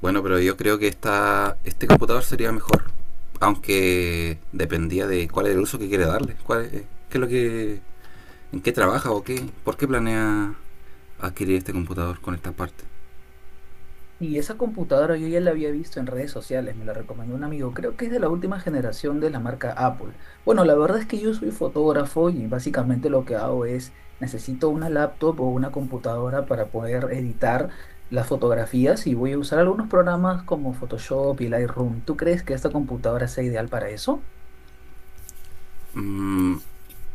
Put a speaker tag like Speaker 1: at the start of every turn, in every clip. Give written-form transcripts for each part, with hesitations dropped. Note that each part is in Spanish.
Speaker 1: Bueno, pero yo creo que este computador sería mejor. Aunque dependía de cuál es el uso que quiere darle. ¿Qué es lo que? ¿En qué trabaja o qué? ¿Por qué planea adquirir este computador con esta parte?
Speaker 2: Y esa computadora yo ya la había visto en redes sociales, me la recomendó un amigo, creo que es de la última generación de la marca Apple. Bueno, la verdad es que yo soy fotógrafo y básicamente lo que hago es necesito una laptop o una computadora para poder editar las fotografías y voy a usar algunos programas como Photoshop y Lightroom. ¿Tú crees que esta computadora sea ideal para eso?
Speaker 1: Mm,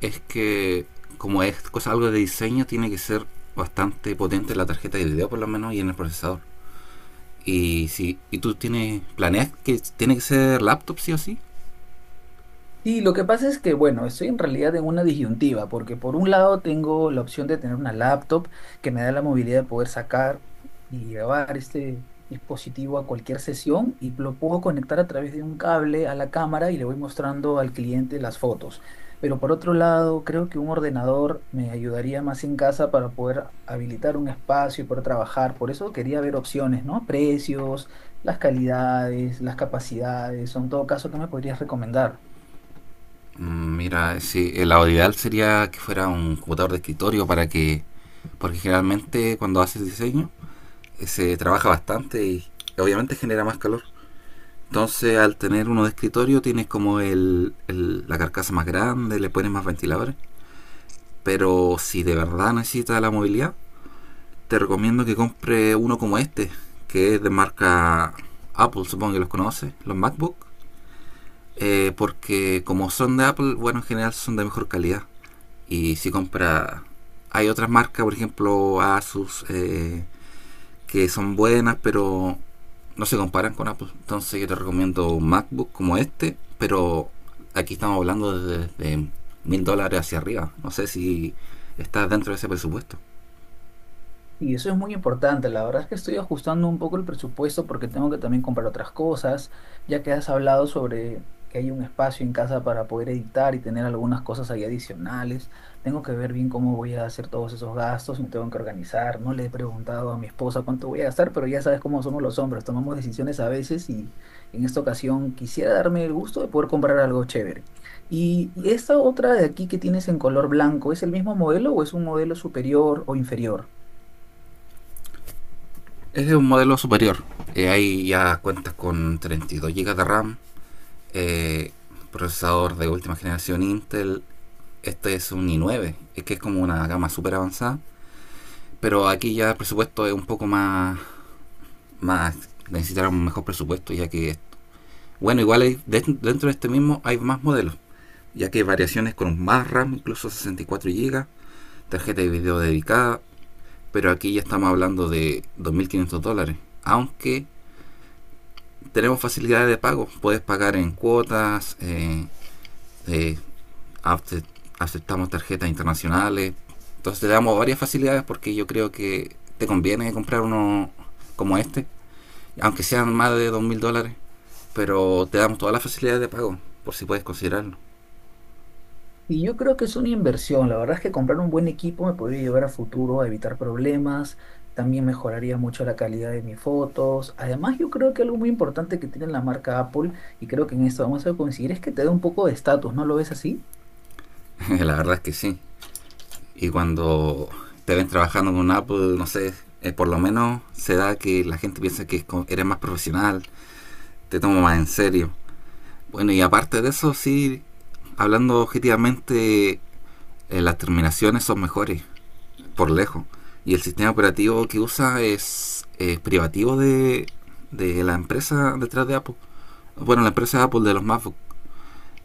Speaker 1: es que, como es cosa algo de diseño, tiene que ser bastante potente la tarjeta de video, por lo menos, y en el procesador. Y si y tú tienes. ¿Planeas que tiene que ser laptop, sí o sí?
Speaker 2: Sí, lo que pasa es que, bueno, estoy en realidad en una disyuntiva, porque por un lado tengo la opción de tener una laptop que me da la movilidad de poder sacar y llevar este dispositivo a cualquier sesión y lo puedo conectar a través de un cable a la cámara y le voy mostrando al cliente las fotos. Pero por otro lado, creo que un ordenador me ayudaría más en casa para poder habilitar un espacio y poder trabajar. Por eso quería ver opciones, ¿no? Precios, las calidades, las capacidades, son todo caso que me podrías recomendar.
Speaker 1: Mira, sí, la ideal sería que fuera un computador de escritorio para que, porque generalmente cuando haces diseño se trabaja bastante y obviamente genera más calor. Entonces, al tener uno de escritorio tienes como la carcasa más grande, le pones más ventiladores. Pero si de verdad necesitas la movilidad, te recomiendo que compre uno como este, que es de marca Apple, supongo que los conoces, los MacBook. Porque como son de Apple, bueno, en general son de mejor calidad. Y si compra... Hay otras marcas, por ejemplo, Asus, que son buenas, pero no se comparan con Apple. Entonces yo te recomiendo un MacBook como este, pero aquí estamos hablando de $1000 hacia arriba. No sé si está dentro de ese presupuesto.
Speaker 2: Y eso es muy importante. La verdad es que estoy ajustando un poco el presupuesto porque tengo que también comprar otras cosas, ya que has hablado sobre que hay un espacio en casa para poder editar y tener algunas cosas ahí adicionales. Tengo que ver bien cómo voy a hacer todos esos gastos, me tengo que organizar. No le he preguntado a mi esposa cuánto voy a gastar, pero ya sabes cómo somos los hombres, tomamos decisiones a veces y en esta ocasión quisiera darme el gusto de poder comprar algo chévere. Y esta otra de aquí que tienes en color blanco, ¿es el mismo modelo o es un modelo superior o inferior?
Speaker 1: Es un modelo superior. Ahí ya cuentas con 32 gigas de RAM, eh, procesador de última generación Intel. Este es un i9, es que es como una gama super avanzada. Pero aquí ya el presupuesto es un poco más. Más necesitarán un mejor presupuesto, ya que. Bueno, igual hay, dentro de este mismo hay más modelos, ya que hay variaciones con más RAM, incluso 64 gigas, tarjeta de video dedicada, pero aquí ya estamos hablando de $2500. Aunque tenemos facilidades de pago, puedes pagar en cuotas, eh, aceptamos tarjetas internacionales, entonces te damos varias facilidades porque yo creo que te conviene comprar uno como este aunque sean más de $2000, pero te damos todas las facilidades de pago, por si puedes considerarlo.
Speaker 2: Y yo creo que es una inversión. La verdad es que comprar un buen equipo me podría llevar a futuro a evitar problemas. También mejoraría mucho la calidad de mis fotos. Además, yo creo que algo muy importante que tiene la marca Apple, y creo que en esto vamos a coincidir, es que te da un poco de estatus, ¿no lo ves así?
Speaker 1: La verdad es que sí. Y cuando te ven trabajando con Apple, no sé, por lo menos se da que la gente piensa que eres más profesional, te toma más en serio. Bueno, y aparte de eso, sí, hablando objetivamente, las terminaciones son mejores, por lejos. Y el sistema operativo que usa es privativo de la empresa detrás de Apple. Bueno, la empresa de Apple de los MacBook.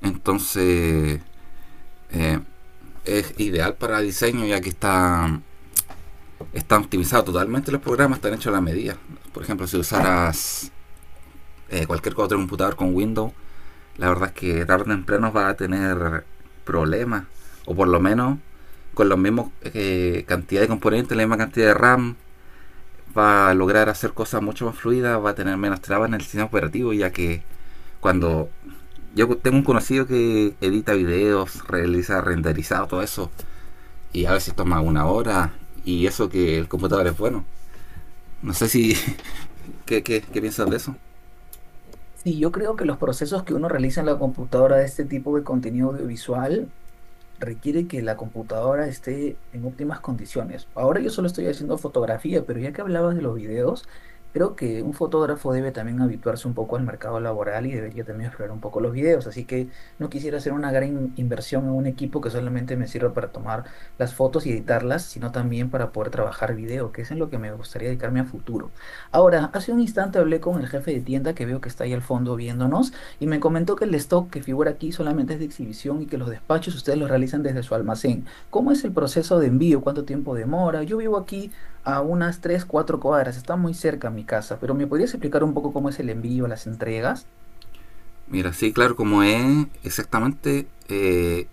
Speaker 1: Entonces eh, es ideal para diseño ya que está optimizado totalmente los programas, están hechos a la medida. Por ejemplo, si usaras cualquier otro computador con Windows, la verdad es que tarde o temprano va a tener problemas. O por lo menos con la misma cantidad de componentes, la misma cantidad de RAM, va a lograr hacer cosas mucho más fluidas, va a tener menos trabas en el sistema operativo. Ya que cuando yo tengo un conocido que edita videos, realiza renderizado, todo eso. Y a veces toma una hora. Y eso que el computador es bueno. No sé si... ¿Qué piensas de eso?
Speaker 2: Sí, yo creo que los procesos que uno realiza en la computadora de este tipo de contenido audiovisual requiere que la computadora esté en óptimas condiciones. Ahora yo solo estoy haciendo fotografía, pero ya que hablabas de los videos, creo que un fotógrafo debe también habituarse un poco al mercado laboral y debería también explorar un poco los videos. Así que no quisiera hacer una gran inversión en un equipo que solamente me sirva para tomar las fotos y editarlas, sino también para poder trabajar video, que es en lo que me gustaría dedicarme a futuro. Ahora, hace un instante hablé con el jefe de tienda que veo que está ahí al fondo viéndonos y me comentó que el stock que figura aquí solamente es de exhibición y que los despachos ustedes los realizan desde su almacén. ¿Cómo es el proceso de envío? ¿Cuánto tiempo demora? Yo vivo aquí a unas 3 4 cuadras, está muy cerca mi casa, pero ¿me podrías explicar un poco cómo es el envío, las entregas?
Speaker 1: Mira, sí, claro, como es exactamente...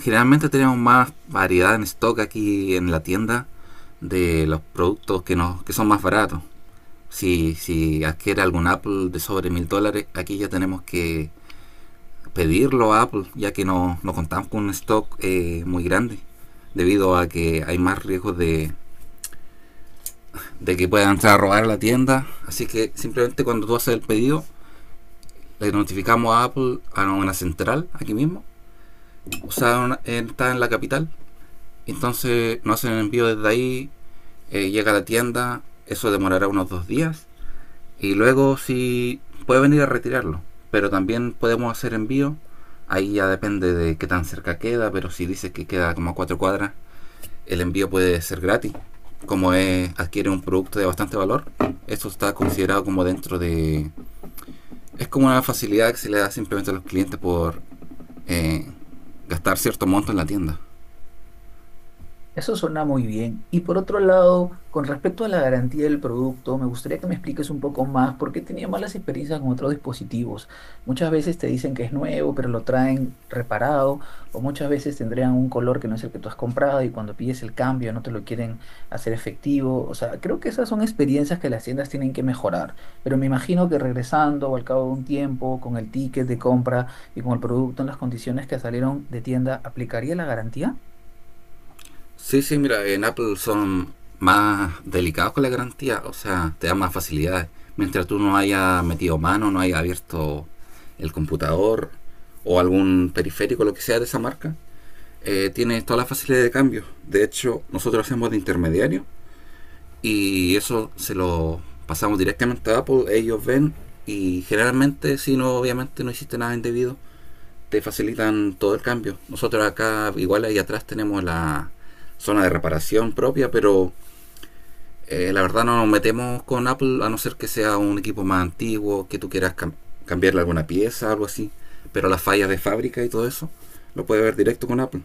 Speaker 1: generalmente tenemos más variedad en stock aquí en la tienda de los productos que son más baratos. Si adquiere algún Apple de sobre $1000, aquí ya tenemos que pedirlo a Apple, ya que no contamos con un stock muy grande, debido a que hay más riesgos de que puedan entrar a robar la tienda. Así que simplemente cuando tú haces el pedido, le notificamos a Apple a una central aquí mismo. O sea, está en la capital. Entonces nos hacen el envío desde ahí, llega a la tienda, eso demorará unos 2 días. Y luego si puede venir a retirarlo, pero también podemos hacer envío. Ahí ya depende de qué tan cerca queda, pero si dice que queda como a 4 cuadras, el envío puede ser gratis. Como es, adquiere un producto de bastante valor, esto está considerado como dentro de... Es como una facilidad que se le da simplemente a los clientes por eh, gastar cierto monto en la tienda.
Speaker 2: Eso suena muy bien. Y por otro lado, con respecto a la garantía del producto, me gustaría que me expliques un poco más por qué tenía malas experiencias con otros dispositivos. Muchas veces te dicen que es nuevo, pero lo traen reparado, o muchas veces tendrían un color que no es el que tú has comprado y cuando pides el cambio no te lo quieren hacer efectivo. O sea, creo que esas son experiencias que las tiendas tienen que mejorar. Pero me imagino que regresando o al cabo de un tiempo, con el ticket de compra y con el producto en las condiciones que salieron de tienda, ¿aplicaría la garantía?
Speaker 1: Sí, sí, mira, en Apple son más delicados con la garantía, o sea, te dan más facilidades. Mientras tú no hayas metido mano, no hayas abierto el computador o algún periférico, lo que sea de esa marca, tienes toda la facilidad de cambio. De hecho, nosotros hacemos de intermediario y eso se lo pasamos directamente a Apple, ellos ven y generalmente si no, obviamente no hiciste nada indebido, te facilitan todo el cambio. Nosotros acá, igual ahí atrás, tenemos la zona de reparación propia, pero la verdad no nos metemos con Apple a no ser que sea un equipo más antiguo, que tú quieras cambiarle alguna pieza, algo así. Pero las fallas de fábrica y todo eso, lo puedes ver directo con Apple.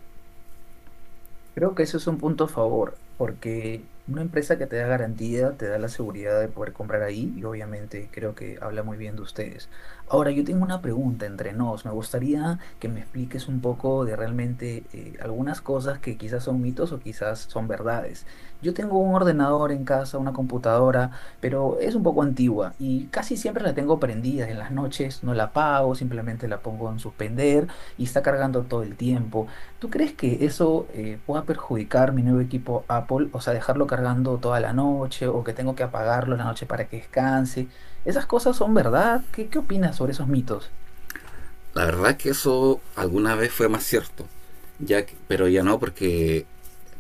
Speaker 2: Creo que eso es un punto a favor, porque una empresa que te da garantía, te da la seguridad de poder comprar ahí y obviamente creo que habla muy bien de ustedes. Ahora, yo tengo una pregunta entre nos. Me gustaría que me expliques un poco de realmente algunas cosas que quizás son mitos o quizás son verdades. Yo tengo un ordenador en casa, una computadora, pero es un poco antigua y casi siempre la tengo prendida en las noches, no la apago, simplemente la pongo en suspender y está cargando todo el tiempo. ¿Tú crees que eso pueda perjudicar mi nuevo equipo Apple? O sea, dejarlo cargando toda la noche o que tengo que apagarlo en la noche para que descanse. ¿Esas cosas son verdad? ¿Qué opinas sobre esos mitos?
Speaker 1: La verdad es que eso alguna vez fue más cierto, pero ya no porque,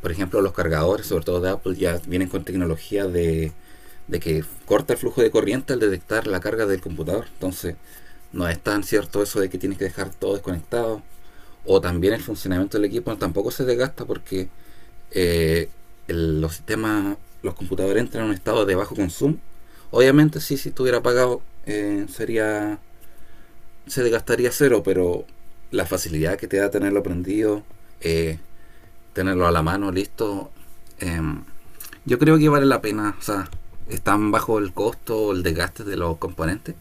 Speaker 1: por ejemplo, los cargadores, sobre todo de Apple, ya vienen con tecnología de que corta el flujo de corriente al detectar la carga del computador. Entonces, no es tan cierto eso de que tienes que dejar todo desconectado. O también el funcionamiento del equipo tampoco se desgasta porque eh, los sistemas, los computadores entran en un estado de bajo consumo. Obviamente, sí, si estuviera apagado, sería se desgastaría cero, pero la facilidad que te da tenerlo aprendido, eh, tenerlo a la mano, listo, eh, yo creo que vale la pena. O sea, es tan bajo el costo el desgaste de los componentes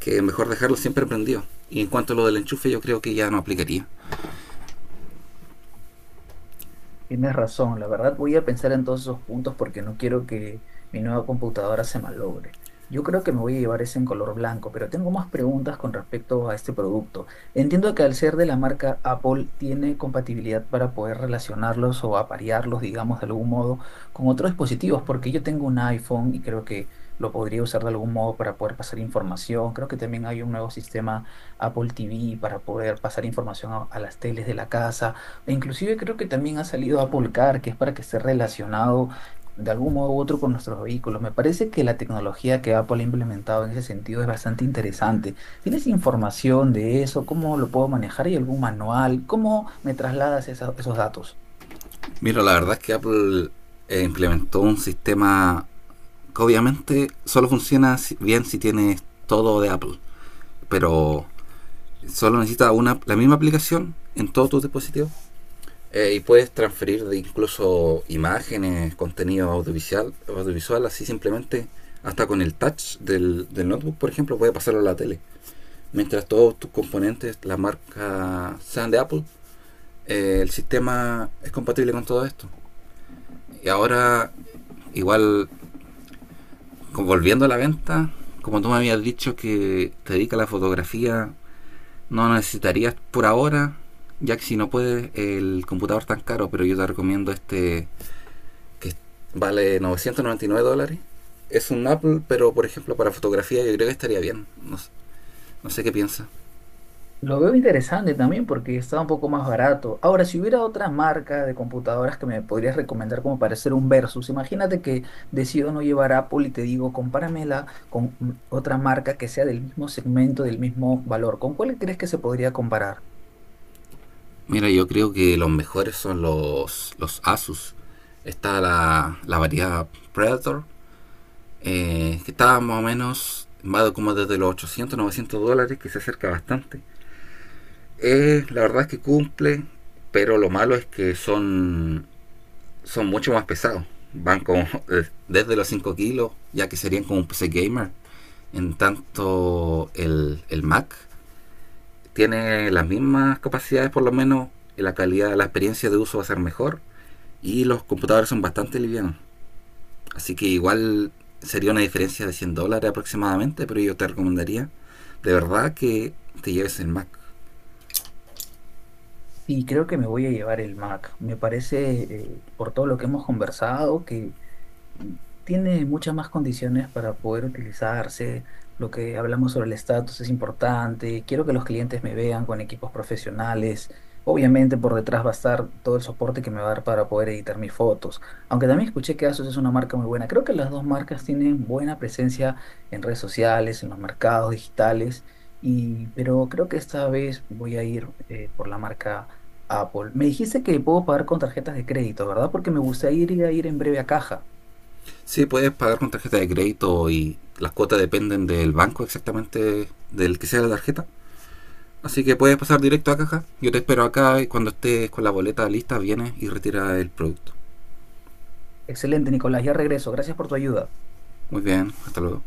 Speaker 1: que es mejor dejarlo siempre prendido. Y en cuanto a lo del enchufe, yo creo que ya no aplicaría.
Speaker 2: Tienes razón, la verdad voy a pensar en todos esos puntos porque no quiero que mi nueva computadora se malogre. Yo creo que me voy a llevar ese en color blanco, pero tengo más preguntas con respecto a este producto. Entiendo que al ser de la marca Apple tiene compatibilidad para poder relacionarlos o aparearlos, digamos, de algún modo con otros dispositivos, porque yo tengo un iPhone y creo que lo podría usar de algún modo para poder pasar información. Creo que también hay un nuevo sistema Apple TV para poder pasar información a las teles de la casa. E inclusive creo que también ha salido Apple Car, que es para que esté relacionado de algún modo u otro con nuestros vehículos. Me parece que la tecnología que Apple ha implementado en ese sentido es bastante interesante. ¿Tienes información de eso? ¿Cómo lo puedo manejar? ¿Hay algún manual? ¿Cómo me trasladas esos datos?
Speaker 1: Mira, la verdad es que Apple implementó un sistema que obviamente solo funciona bien si tienes todo de Apple, pero solo necesitas una, la misma aplicación en todos tus dispositivos. Y puedes transferir de incluso imágenes, contenido audiovisual, así simplemente, hasta con el touch del notebook, por ejemplo, puedes pasarlo a la tele. Mientras todos tus componentes, la marca sean de Apple, el sistema es compatible con todo esto. Y ahora, igual, volviendo a la venta, como tú me habías dicho que te dedicas a la fotografía, no necesitarías por ahora, ya que si no puedes, el computador tan caro, pero yo te recomiendo este que vale $999. Es un Apple, pero por ejemplo para fotografía yo creo que estaría bien. No, no sé qué piensa.
Speaker 2: Lo veo interesante también porque está un poco más barato. Ahora, si hubiera otra marca de computadoras que me podrías recomendar como para hacer un versus, imagínate que decido no llevar Apple y te digo, compáramela con mm, otra marca que sea del mismo segmento, del mismo valor. ¿Con cuál crees que se podría comparar?
Speaker 1: Mira, yo creo que los mejores son los Asus. Está la variedad Predator, que está más o menos, va como desde los 800 900 dólares, que se acerca bastante. La verdad es que cumple, pero lo malo es que son mucho más pesados. Van como desde los 5 kilos, ya que serían como un PC gamer. En tanto, el Mac tiene las mismas capacidades, por lo menos la calidad, la experiencia de uso va a ser mejor y los computadores son bastante livianos. Así que igual sería una diferencia de $100 aproximadamente, pero yo te recomendaría de verdad que te lleves el Mac.
Speaker 2: Y creo que me voy a llevar el Mac. Me parece, por todo lo que hemos conversado, que tiene muchas más condiciones para poder utilizarse. Lo que hablamos sobre el estatus es importante. Quiero que los clientes me vean con equipos profesionales. Obviamente por detrás va a estar todo el soporte que me va a dar para poder editar mis fotos. Aunque también escuché que ASUS es una marca muy buena. Creo que las dos marcas tienen buena presencia en redes sociales, en los mercados digitales. Y, pero creo que esta vez voy a ir por la marca Apple. Me dijiste que puedo pagar con tarjetas de crédito, ¿verdad? Porque me gustaría ir a ir en breve a caja.
Speaker 1: Sí, puedes pagar con tarjeta de crédito y las cuotas dependen del banco exactamente del que sea la tarjeta. Así que puedes pasar directo a caja. Yo te espero acá y cuando estés con la boleta lista vienes y retira el producto.
Speaker 2: Excelente, Nicolás, ya regreso. Gracias por tu ayuda.
Speaker 1: Muy bien, hasta luego.